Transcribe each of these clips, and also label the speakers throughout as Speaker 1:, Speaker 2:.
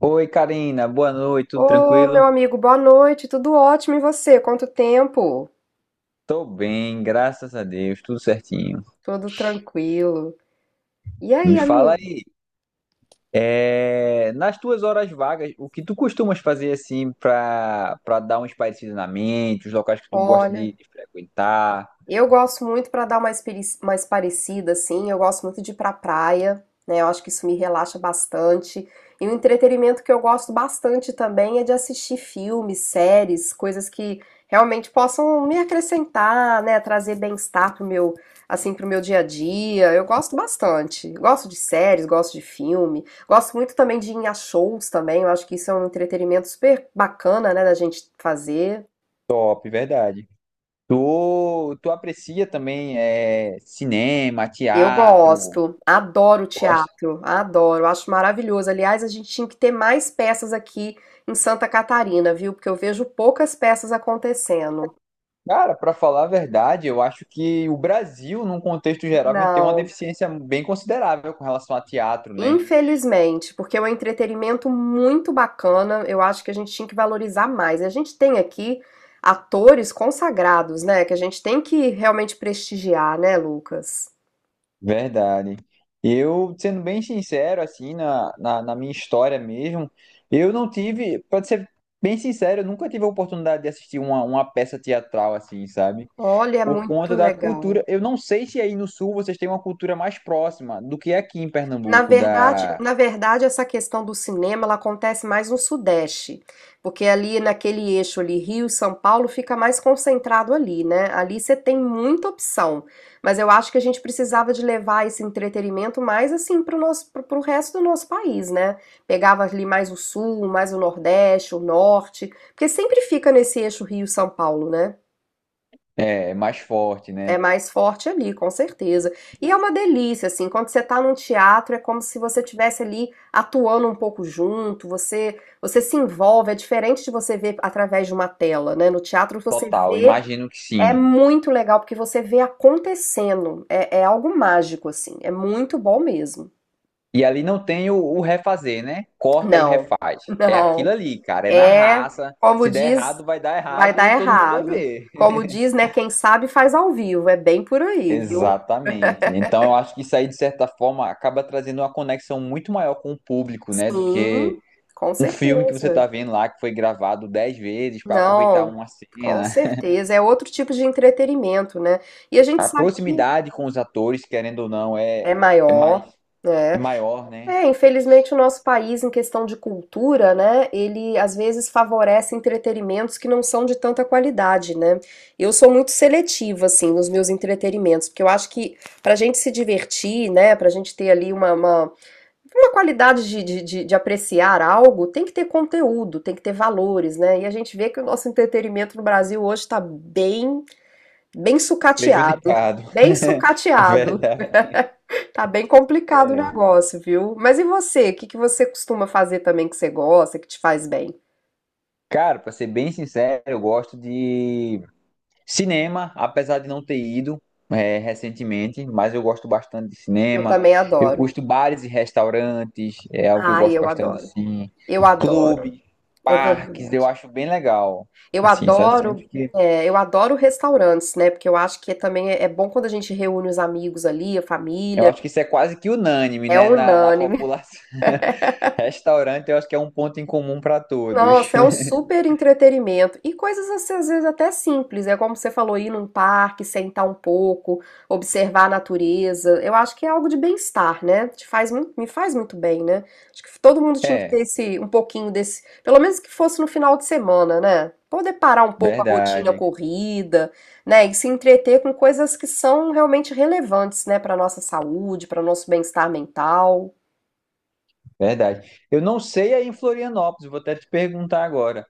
Speaker 1: Oi, Karina, boa noite, tudo
Speaker 2: Ô, meu
Speaker 1: tranquilo?
Speaker 2: amigo, boa noite. Tudo ótimo e você? Quanto tempo?
Speaker 1: Tô bem, graças a Deus, tudo certinho.
Speaker 2: Tudo tranquilo. E aí,
Speaker 1: Me fala
Speaker 2: amigo?
Speaker 1: aí, nas tuas horas vagas, o que tu costumas fazer assim pra dar um espairecida na mente, os locais que tu gosta
Speaker 2: Olha.
Speaker 1: de frequentar?
Speaker 2: Eu gosto muito para dar uma mais parecida, assim, eu gosto muito de ir pra praia, né? Eu acho que isso me relaxa bastante. E o entretenimento que eu gosto bastante também é de assistir filmes, séries, coisas que realmente possam me acrescentar, né? Trazer bem-estar pro meu, assim, pro meu dia a dia. Eu gosto bastante. Gosto de séries, gosto de filme. Gosto muito também de ir a shows também. Eu acho que isso é um entretenimento super bacana, né, da gente fazer.
Speaker 1: Top, verdade. Tu aprecia também cinema,
Speaker 2: Eu
Speaker 1: teatro,
Speaker 2: gosto, adoro
Speaker 1: gosta?
Speaker 2: teatro, adoro, acho maravilhoso. Aliás, a gente tinha que ter mais peças aqui em Santa Catarina, viu? Porque eu vejo poucas peças acontecendo.
Speaker 1: Cara, pra falar a verdade, eu acho que o Brasil, num contexto geral, vem ter uma
Speaker 2: Não,
Speaker 1: deficiência bem considerável com relação a teatro, né?
Speaker 2: infelizmente, porque é um entretenimento muito bacana, eu acho que a gente tinha que valorizar mais. A gente tem aqui atores consagrados, né? Que a gente tem que realmente prestigiar, né, Lucas?
Speaker 1: Verdade. Eu, sendo bem sincero, assim, na minha história mesmo, eu não tive, pra ser bem sincero, eu nunca tive a oportunidade de assistir uma peça teatral, assim, sabe?
Speaker 2: Olha, é
Speaker 1: Por
Speaker 2: muito
Speaker 1: conta da
Speaker 2: legal.
Speaker 1: cultura. Eu não sei se aí no Sul vocês têm uma cultura mais próxima do que aqui em
Speaker 2: Na
Speaker 1: Pernambuco,
Speaker 2: verdade,
Speaker 1: da,
Speaker 2: na verdade, essa questão do cinema, ela acontece mais no Sudeste, porque ali naquele eixo ali, Rio, e São Paulo, fica mais concentrado ali, né? Ali você tem muita opção, mas eu acho que a gente precisava de levar esse entretenimento mais assim para o nosso, para o resto do nosso país, né? Pegava ali mais o Sul, mais o Nordeste, o Norte, porque sempre fica nesse eixo Rio, e São Paulo, né?
Speaker 1: é, mais forte,
Speaker 2: É
Speaker 1: né?
Speaker 2: mais forte ali, com certeza. E é uma delícia, assim, quando você tá num teatro, é como se você tivesse ali atuando um pouco junto, você se envolve, é diferente de você ver através de uma tela, né? No teatro você
Speaker 1: Total,
Speaker 2: vê,
Speaker 1: imagino que
Speaker 2: é
Speaker 1: sim.
Speaker 2: muito legal, porque você vê acontecendo, é, é algo mágico, assim, é muito bom mesmo.
Speaker 1: E ali não tem o refazer, né? Corta e
Speaker 2: Não,
Speaker 1: refaz. É aquilo
Speaker 2: não,
Speaker 1: ali, cara, é na
Speaker 2: é,
Speaker 1: raça.
Speaker 2: como
Speaker 1: Se der
Speaker 2: diz,
Speaker 1: errado, vai dar
Speaker 2: vai
Speaker 1: errado
Speaker 2: dar
Speaker 1: e todo mundo vai
Speaker 2: errado.
Speaker 1: ver.
Speaker 2: Como diz, né, quem sabe faz ao vivo, é bem por aí, viu?
Speaker 1: Exatamente. Então eu acho que isso aí, de certa forma, acaba trazendo uma conexão muito maior com o público, né? Do que
Speaker 2: Sim, com
Speaker 1: um filme que você tá
Speaker 2: certeza.
Speaker 1: vendo lá que foi gravado 10 vezes para aproveitar
Speaker 2: Não,
Speaker 1: uma
Speaker 2: com
Speaker 1: cena.
Speaker 2: certeza. É outro tipo de entretenimento, né? E a gente
Speaker 1: A
Speaker 2: sabe que
Speaker 1: proximidade com os atores, querendo ou não, é,
Speaker 2: é
Speaker 1: é mais
Speaker 2: maior,
Speaker 1: é
Speaker 2: né?
Speaker 1: maior, né?
Speaker 2: É, infelizmente o nosso país, em questão de cultura, né? Ele às vezes favorece entretenimentos que não são de tanta qualidade, né? Eu sou muito seletiva, assim, nos meus entretenimentos, porque eu acho que pra gente se divertir, né? Pra gente ter ali uma qualidade de, de apreciar algo tem que ter conteúdo, tem que ter valores, né? E a gente vê que o nosso entretenimento no Brasil hoje está bem, bem sucateado.
Speaker 1: Prejudicado.
Speaker 2: Bem sucateado.
Speaker 1: Verdade.
Speaker 2: Tá bem complicado o
Speaker 1: É.
Speaker 2: negócio, viu? Mas e você? O que que você costuma fazer também que você gosta, que te faz bem?
Speaker 1: Cara, pra ser bem sincero, eu gosto de cinema, apesar de não ter ido recentemente, mas eu gosto bastante de
Speaker 2: Eu
Speaker 1: cinema.
Speaker 2: também
Speaker 1: Eu
Speaker 2: adoro.
Speaker 1: curto bares e restaurantes, é algo que eu
Speaker 2: Ai,
Speaker 1: gosto
Speaker 2: eu
Speaker 1: bastante
Speaker 2: adoro.
Speaker 1: assim.
Speaker 2: Eu adoro.
Speaker 1: Clube,
Speaker 2: É
Speaker 1: parques, eu
Speaker 2: verdade.
Speaker 1: acho bem legal.
Speaker 2: Eu
Speaker 1: Assim, sabe? Sempre
Speaker 2: adoro,
Speaker 1: que.
Speaker 2: é, eu adoro restaurantes, né? Porque eu acho que também é bom quando a gente reúne os amigos ali, a
Speaker 1: Eu
Speaker 2: família.
Speaker 1: acho que isso é quase que unânime,
Speaker 2: É
Speaker 1: né? Na
Speaker 2: unânime.
Speaker 1: população. Restaurante, eu acho que é um ponto em comum para todos.
Speaker 2: Nossa, é um super entretenimento. E coisas assim, às vezes até simples. É como você falou, ir num parque, sentar um pouco, observar a natureza. Eu acho que é algo de bem-estar, né? Te faz, me faz muito bem, né? Acho que todo mundo tinha que
Speaker 1: É,
Speaker 2: ter esse, um pouquinho desse, pelo menos que fosse no final de semana, né? Poder parar um pouco a rotina
Speaker 1: verdade,
Speaker 2: corrida, né? E se entreter com coisas que são realmente relevantes, né? Para nossa saúde, para nosso bem-estar mental.
Speaker 1: verdade. Eu não sei aí em Florianópolis, vou até te perguntar agora.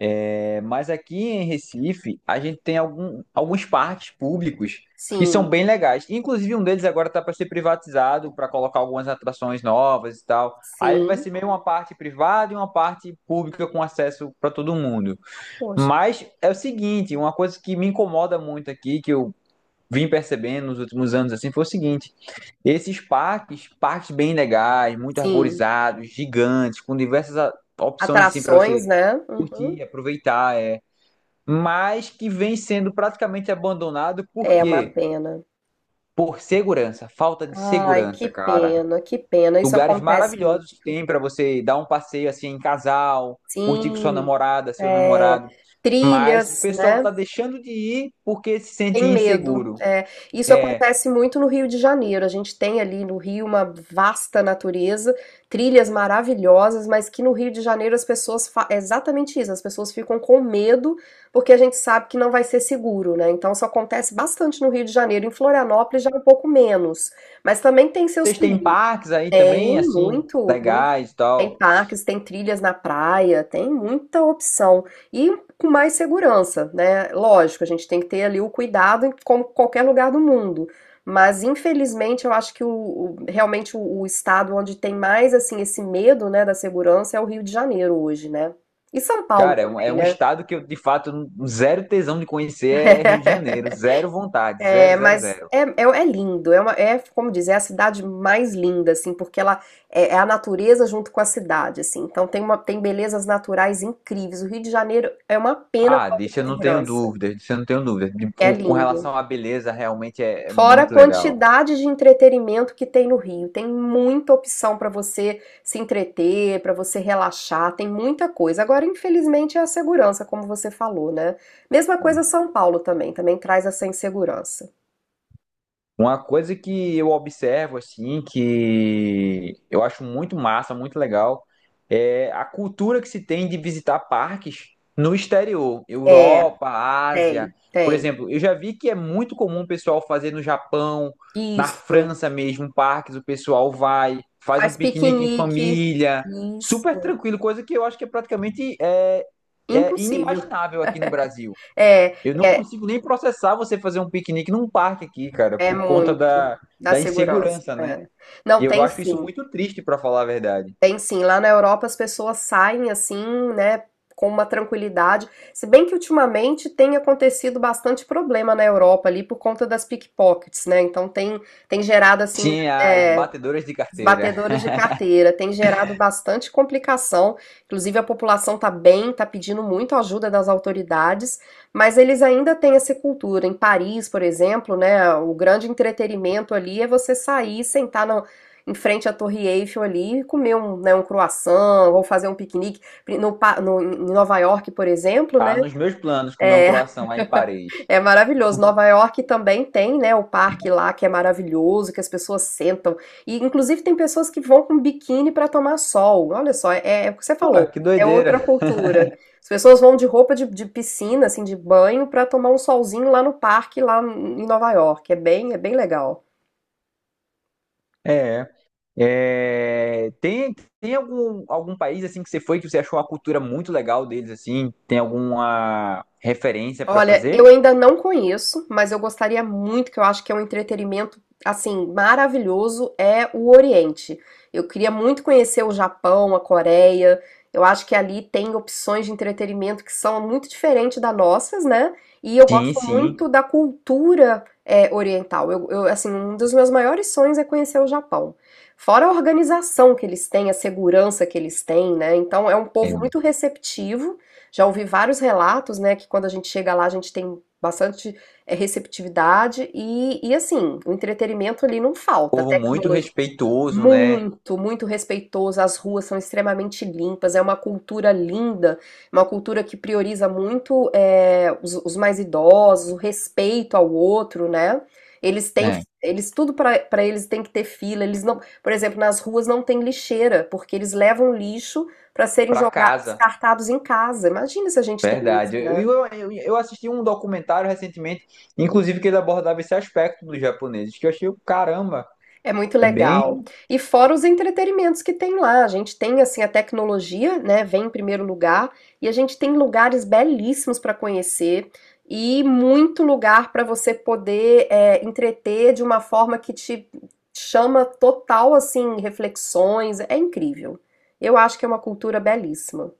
Speaker 1: É, mas aqui em Recife, a gente tem algum, alguns parques públicos que são
Speaker 2: Sim,
Speaker 1: bem legais. Inclusive, um deles agora está para ser privatizado, para colocar algumas atrações novas e tal. Aí ele vai
Speaker 2: sim.
Speaker 1: ser meio uma parte privada e uma parte pública com acesso para todo mundo.
Speaker 2: Poxa,
Speaker 1: Mas é o seguinte, uma coisa que me incomoda muito aqui, que eu vim percebendo nos últimos anos assim, foi o seguinte: esses parques, parques bem legais, muito
Speaker 2: sim.
Speaker 1: arborizados, gigantes, com diversas opções assim para você
Speaker 2: Atrações, né? Uhum.
Speaker 1: curtir, aproveitar. É, mas que vem sendo praticamente abandonado por
Speaker 2: É uma
Speaker 1: quê?
Speaker 2: pena.
Speaker 1: Por segurança, falta de
Speaker 2: Ai, que
Speaker 1: segurança, cara.
Speaker 2: pena, que pena. Isso
Speaker 1: Lugares
Speaker 2: acontece muito.
Speaker 1: maravilhosos que tem para você dar um passeio assim em casal, curtir com sua
Speaker 2: Sim,
Speaker 1: namorada, seu
Speaker 2: é.
Speaker 1: namorado, mas o
Speaker 2: Trilhas,
Speaker 1: pessoal
Speaker 2: né?
Speaker 1: tá deixando de ir porque se
Speaker 2: Tem
Speaker 1: sente
Speaker 2: medo.
Speaker 1: inseguro.
Speaker 2: É, isso
Speaker 1: É,
Speaker 2: acontece muito no Rio de Janeiro. A gente tem ali no Rio uma vasta natureza, trilhas maravilhosas, mas que no Rio de Janeiro as pessoas é exatamente isso, as pessoas ficam com medo porque a gente sabe que não vai ser seguro, né? Então isso acontece bastante no Rio de Janeiro. Em Florianópolis já é um pouco menos, mas também tem seus
Speaker 1: vocês têm parques aí também,
Speaker 2: tem
Speaker 1: assim,
Speaker 2: muito, muito.
Speaker 1: legais e tal.
Speaker 2: Tem parques, tem trilhas na praia, tem muita opção. E com mais segurança, né? Lógico, a gente tem que ter ali o cuidado em como qualquer lugar do mundo. Mas infelizmente eu acho que realmente o estado onde tem mais assim esse medo, né, da segurança é o Rio de Janeiro hoje, né? E São Paulo
Speaker 1: Cara, é um, é
Speaker 2: também,
Speaker 1: um
Speaker 2: né?
Speaker 1: estado que eu, de fato, zero tesão de conhecer é Rio de Janeiro. Zero vontade, zero,
Speaker 2: É,
Speaker 1: zero,
Speaker 2: mas
Speaker 1: zero.
Speaker 2: é lindo, é, é, como dizer, é a cidade mais linda, assim, porque ela é, é a natureza junto com a cidade, assim, então tem uma, tem belezas naturais incríveis. O Rio de Janeiro é uma pena a
Speaker 1: Ah,
Speaker 2: falta de
Speaker 1: disso eu não tenho
Speaker 2: segurança,
Speaker 1: dúvidas, disso eu não tenho dúvidas. De-
Speaker 2: é
Speaker 1: Com
Speaker 2: lindo.
Speaker 1: relação à beleza, realmente é
Speaker 2: Fora a
Speaker 1: muito legal.
Speaker 2: quantidade de entretenimento que tem no Rio, tem muita opção para você se entreter, para você relaxar, tem muita coisa. Agora, infelizmente, é a segurança, como você falou, né? Mesma coisa São Paulo também, também traz essa insegurança.
Speaker 1: Uma coisa que eu observo, assim, que eu acho muito massa, muito legal, é a cultura que se tem de visitar parques no exterior,
Speaker 2: É,
Speaker 1: Europa, Ásia.
Speaker 2: tem,
Speaker 1: Por
Speaker 2: tem.
Speaker 1: exemplo, eu já vi que é muito comum o pessoal fazer no Japão, na
Speaker 2: Isso.
Speaker 1: França mesmo, parques, o pessoal vai, faz um
Speaker 2: Faz
Speaker 1: piquenique em
Speaker 2: piquenique.
Speaker 1: família, super
Speaker 2: Isso.
Speaker 1: tranquilo, coisa que eu acho que é praticamente é
Speaker 2: Impossível.
Speaker 1: inimaginável aqui no Brasil.
Speaker 2: É,
Speaker 1: Eu não
Speaker 2: é,
Speaker 1: consigo nem processar você fazer um piquenique num parque aqui, cara, por conta
Speaker 2: muito
Speaker 1: da,
Speaker 2: da
Speaker 1: da
Speaker 2: Segurosa.
Speaker 1: insegurança, né?
Speaker 2: É. Não,
Speaker 1: E eu
Speaker 2: tem
Speaker 1: acho isso
Speaker 2: sim.
Speaker 1: muito triste, pra falar a verdade.
Speaker 2: Tem sim. Lá na Europa as pessoas saem assim, né, com uma tranquilidade. Se bem que ultimamente tem acontecido bastante problema na Europa ali por conta das pickpockets, né? Então tem, tem gerado assim.
Speaker 1: Sim, as
Speaker 2: É,
Speaker 1: batedoras de
Speaker 2: os
Speaker 1: carteira.
Speaker 2: batedores de carteira têm gerado bastante complicação. Inclusive, a população está bem, está pedindo muito ajuda das autoridades, mas eles ainda têm essa cultura. Em Paris, por exemplo, né, o grande entretenimento ali é você sair, em frente à Torre Eiffel ali, e comer um, né, um croissant ou fazer um piquenique. Em Nova York, por exemplo, né?
Speaker 1: Tá nos meus planos comer um
Speaker 2: É,
Speaker 1: croissant lá em Paris.
Speaker 2: é maravilhoso. Nova York também tem, né, o parque lá que é maravilhoso, que as pessoas sentam. E inclusive tem pessoas que vão com biquíni para tomar sol. Olha só, é, é o que você
Speaker 1: Pô,
Speaker 2: falou.
Speaker 1: que
Speaker 2: É outra
Speaker 1: doideira.
Speaker 2: cultura. As pessoas vão de roupa de piscina, assim, de banho, para tomar um solzinho lá no parque, lá em Nova York. É bem legal.
Speaker 1: É. É, tem tem algum, algum país assim que você foi que você achou a cultura muito legal deles assim? Tem alguma referência pra
Speaker 2: Olha,
Speaker 1: fazer?
Speaker 2: eu ainda não conheço, mas eu gostaria muito, que eu acho que é um entretenimento assim maravilhoso, é o Oriente. Eu queria muito conhecer o Japão, a Coreia. Eu acho que ali tem opções de entretenimento que são muito diferentes das nossas, né? E eu
Speaker 1: Sim,
Speaker 2: gosto
Speaker 1: sim.
Speaker 2: muito da cultura é, oriental. Assim, um dos meus maiores sonhos é conhecer o Japão. Fora a organização que eles têm, a segurança que eles têm, né? Então é um
Speaker 1: É
Speaker 2: povo
Speaker 1: um
Speaker 2: muito receptivo, já ouvi vários relatos, né, que quando a gente chega lá a gente tem bastante é, receptividade e assim, o entretenimento ali não falta,
Speaker 1: povo muito
Speaker 2: tecnologia
Speaker 1: respeitoso, né?
Speaker 2: muito, muito respeitoso. As ruas são extremamente limpas. É uma cultura linda, uma cultura que prioriza muito eh, os mais idosos, o respeito ao outro, né? Eles têm,
Speaker 1: É.
Speaker 2: eles tudo para eles tem que ter fila. Eles não, por exemplo, nas ruas não tem lixeira porque eles levam lixo para serem
Speaker 1: Pra
Speaker 2: jogados,
Speaker 1: casa.
Speaker 2: descartados em casa. Imagina se a gente tem isso,
Speaker 1: Verdade. Eu,
Speaker 2: né?
Speaker 1: eu, eu assisti um documentário recentemente, inclusive que ele abordava esse aspecto dos japoneses, que eu achei, caramba,
Speaker 2: É muito
Speaker 1: é bem
Speaker 2: legal. E fora os entretenimentos que tem lá, a gente tem assim a tecnologia, né, vem em primeiro lugar, e a gente tem lugares belíssimos para conhecer e muito lugar para você poder é, entreter de uma forma que te chama total assim reflexões. É incrível. Eu acho que é uma cultura belíssima.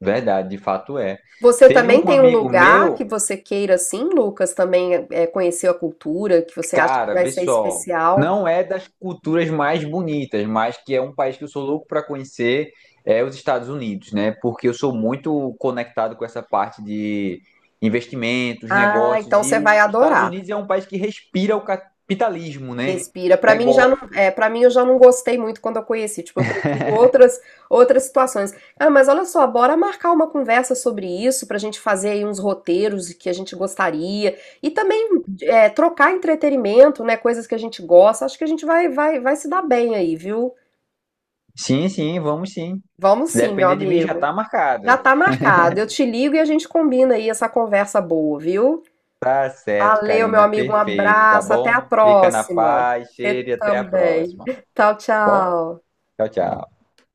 Speaker 1: verdade, de fato é.
Speaker 2: Você
Speaker 1: Teve
Speaker 2: também
Speaker 1: um
Speaker 2: tem um
Speaker 1: amigo
Speaker 2: lugar
Speaker 1: meu,
Speaker 2: que você queira assim, Lucas, também é, conhecer a cultura, que você acha que
Speaker 1: cara,
Speaker 2: vai
Speaker 1: vê
Speaker 2: ser
Speaker 1: só,
Speaker 2: especial?
Speaker 1: não é das culturas mais bonitas, mas que é um país que eu sou louco para conhecer, é os Estados Unidos, né? Porque eu sou muito conectado com essa parte de investimentos,
Speaker 2: Ah,
Speaker 1: negócios,
Speaker 2: então
Speaker 1: e
Speaker 2: você
Speaker 1: os
Speaker 2: vai
Speaker 1: Estados
Speaker 2: adorar.
Speaker 1: Unidos é um país que respira o capitalismo, né?
Speaker 2: Respira. Para mim já não, é, para mim eu já não gostei muito quando eu conheci. Tipo, eu prefiro outras outras situações. Ah, mas olha só, bora marcar uma conversa sobre isso pra gente fazer aí uns roteiros que a gente gostaria e também é, trocar entretenimento, né, coisas que a gente gosta. Acho que a gente vai se dar bem aí, viu?
Speaker 1: Sim, sim, vamos sim.
Speaker 2: Vamos
Speaker 1: Se
Speaker 2: sim, meu
Speaker 1: depender de mim, já tá
Speaker 2: amigo. Já
Speaker 1: marcado.
Speaker 2: tá marcado. Eu te ligo e a gente combina aí essa conversa boa, viu?
Speaker 1: Tá certo,
Speaker 2: Valeu, meu
Speaker 1: Karina,
Speaker 2: amigo. Um
Speaker 1: perfeito, tá
Speaker 2: abraço. Até a
Speaker 1: bom? Fica na
Speaker 2: próxima.
Speaker 1: paz,
Speaker 2: Você
Speaker 1: cheiro e até a
Speaker 2: também.
Speaker 1: próxima.
Speaker 2: Tchau,
Speaker 1: Bom,
Speaker 2: tchau.
Speaker 1: tchau, tchau.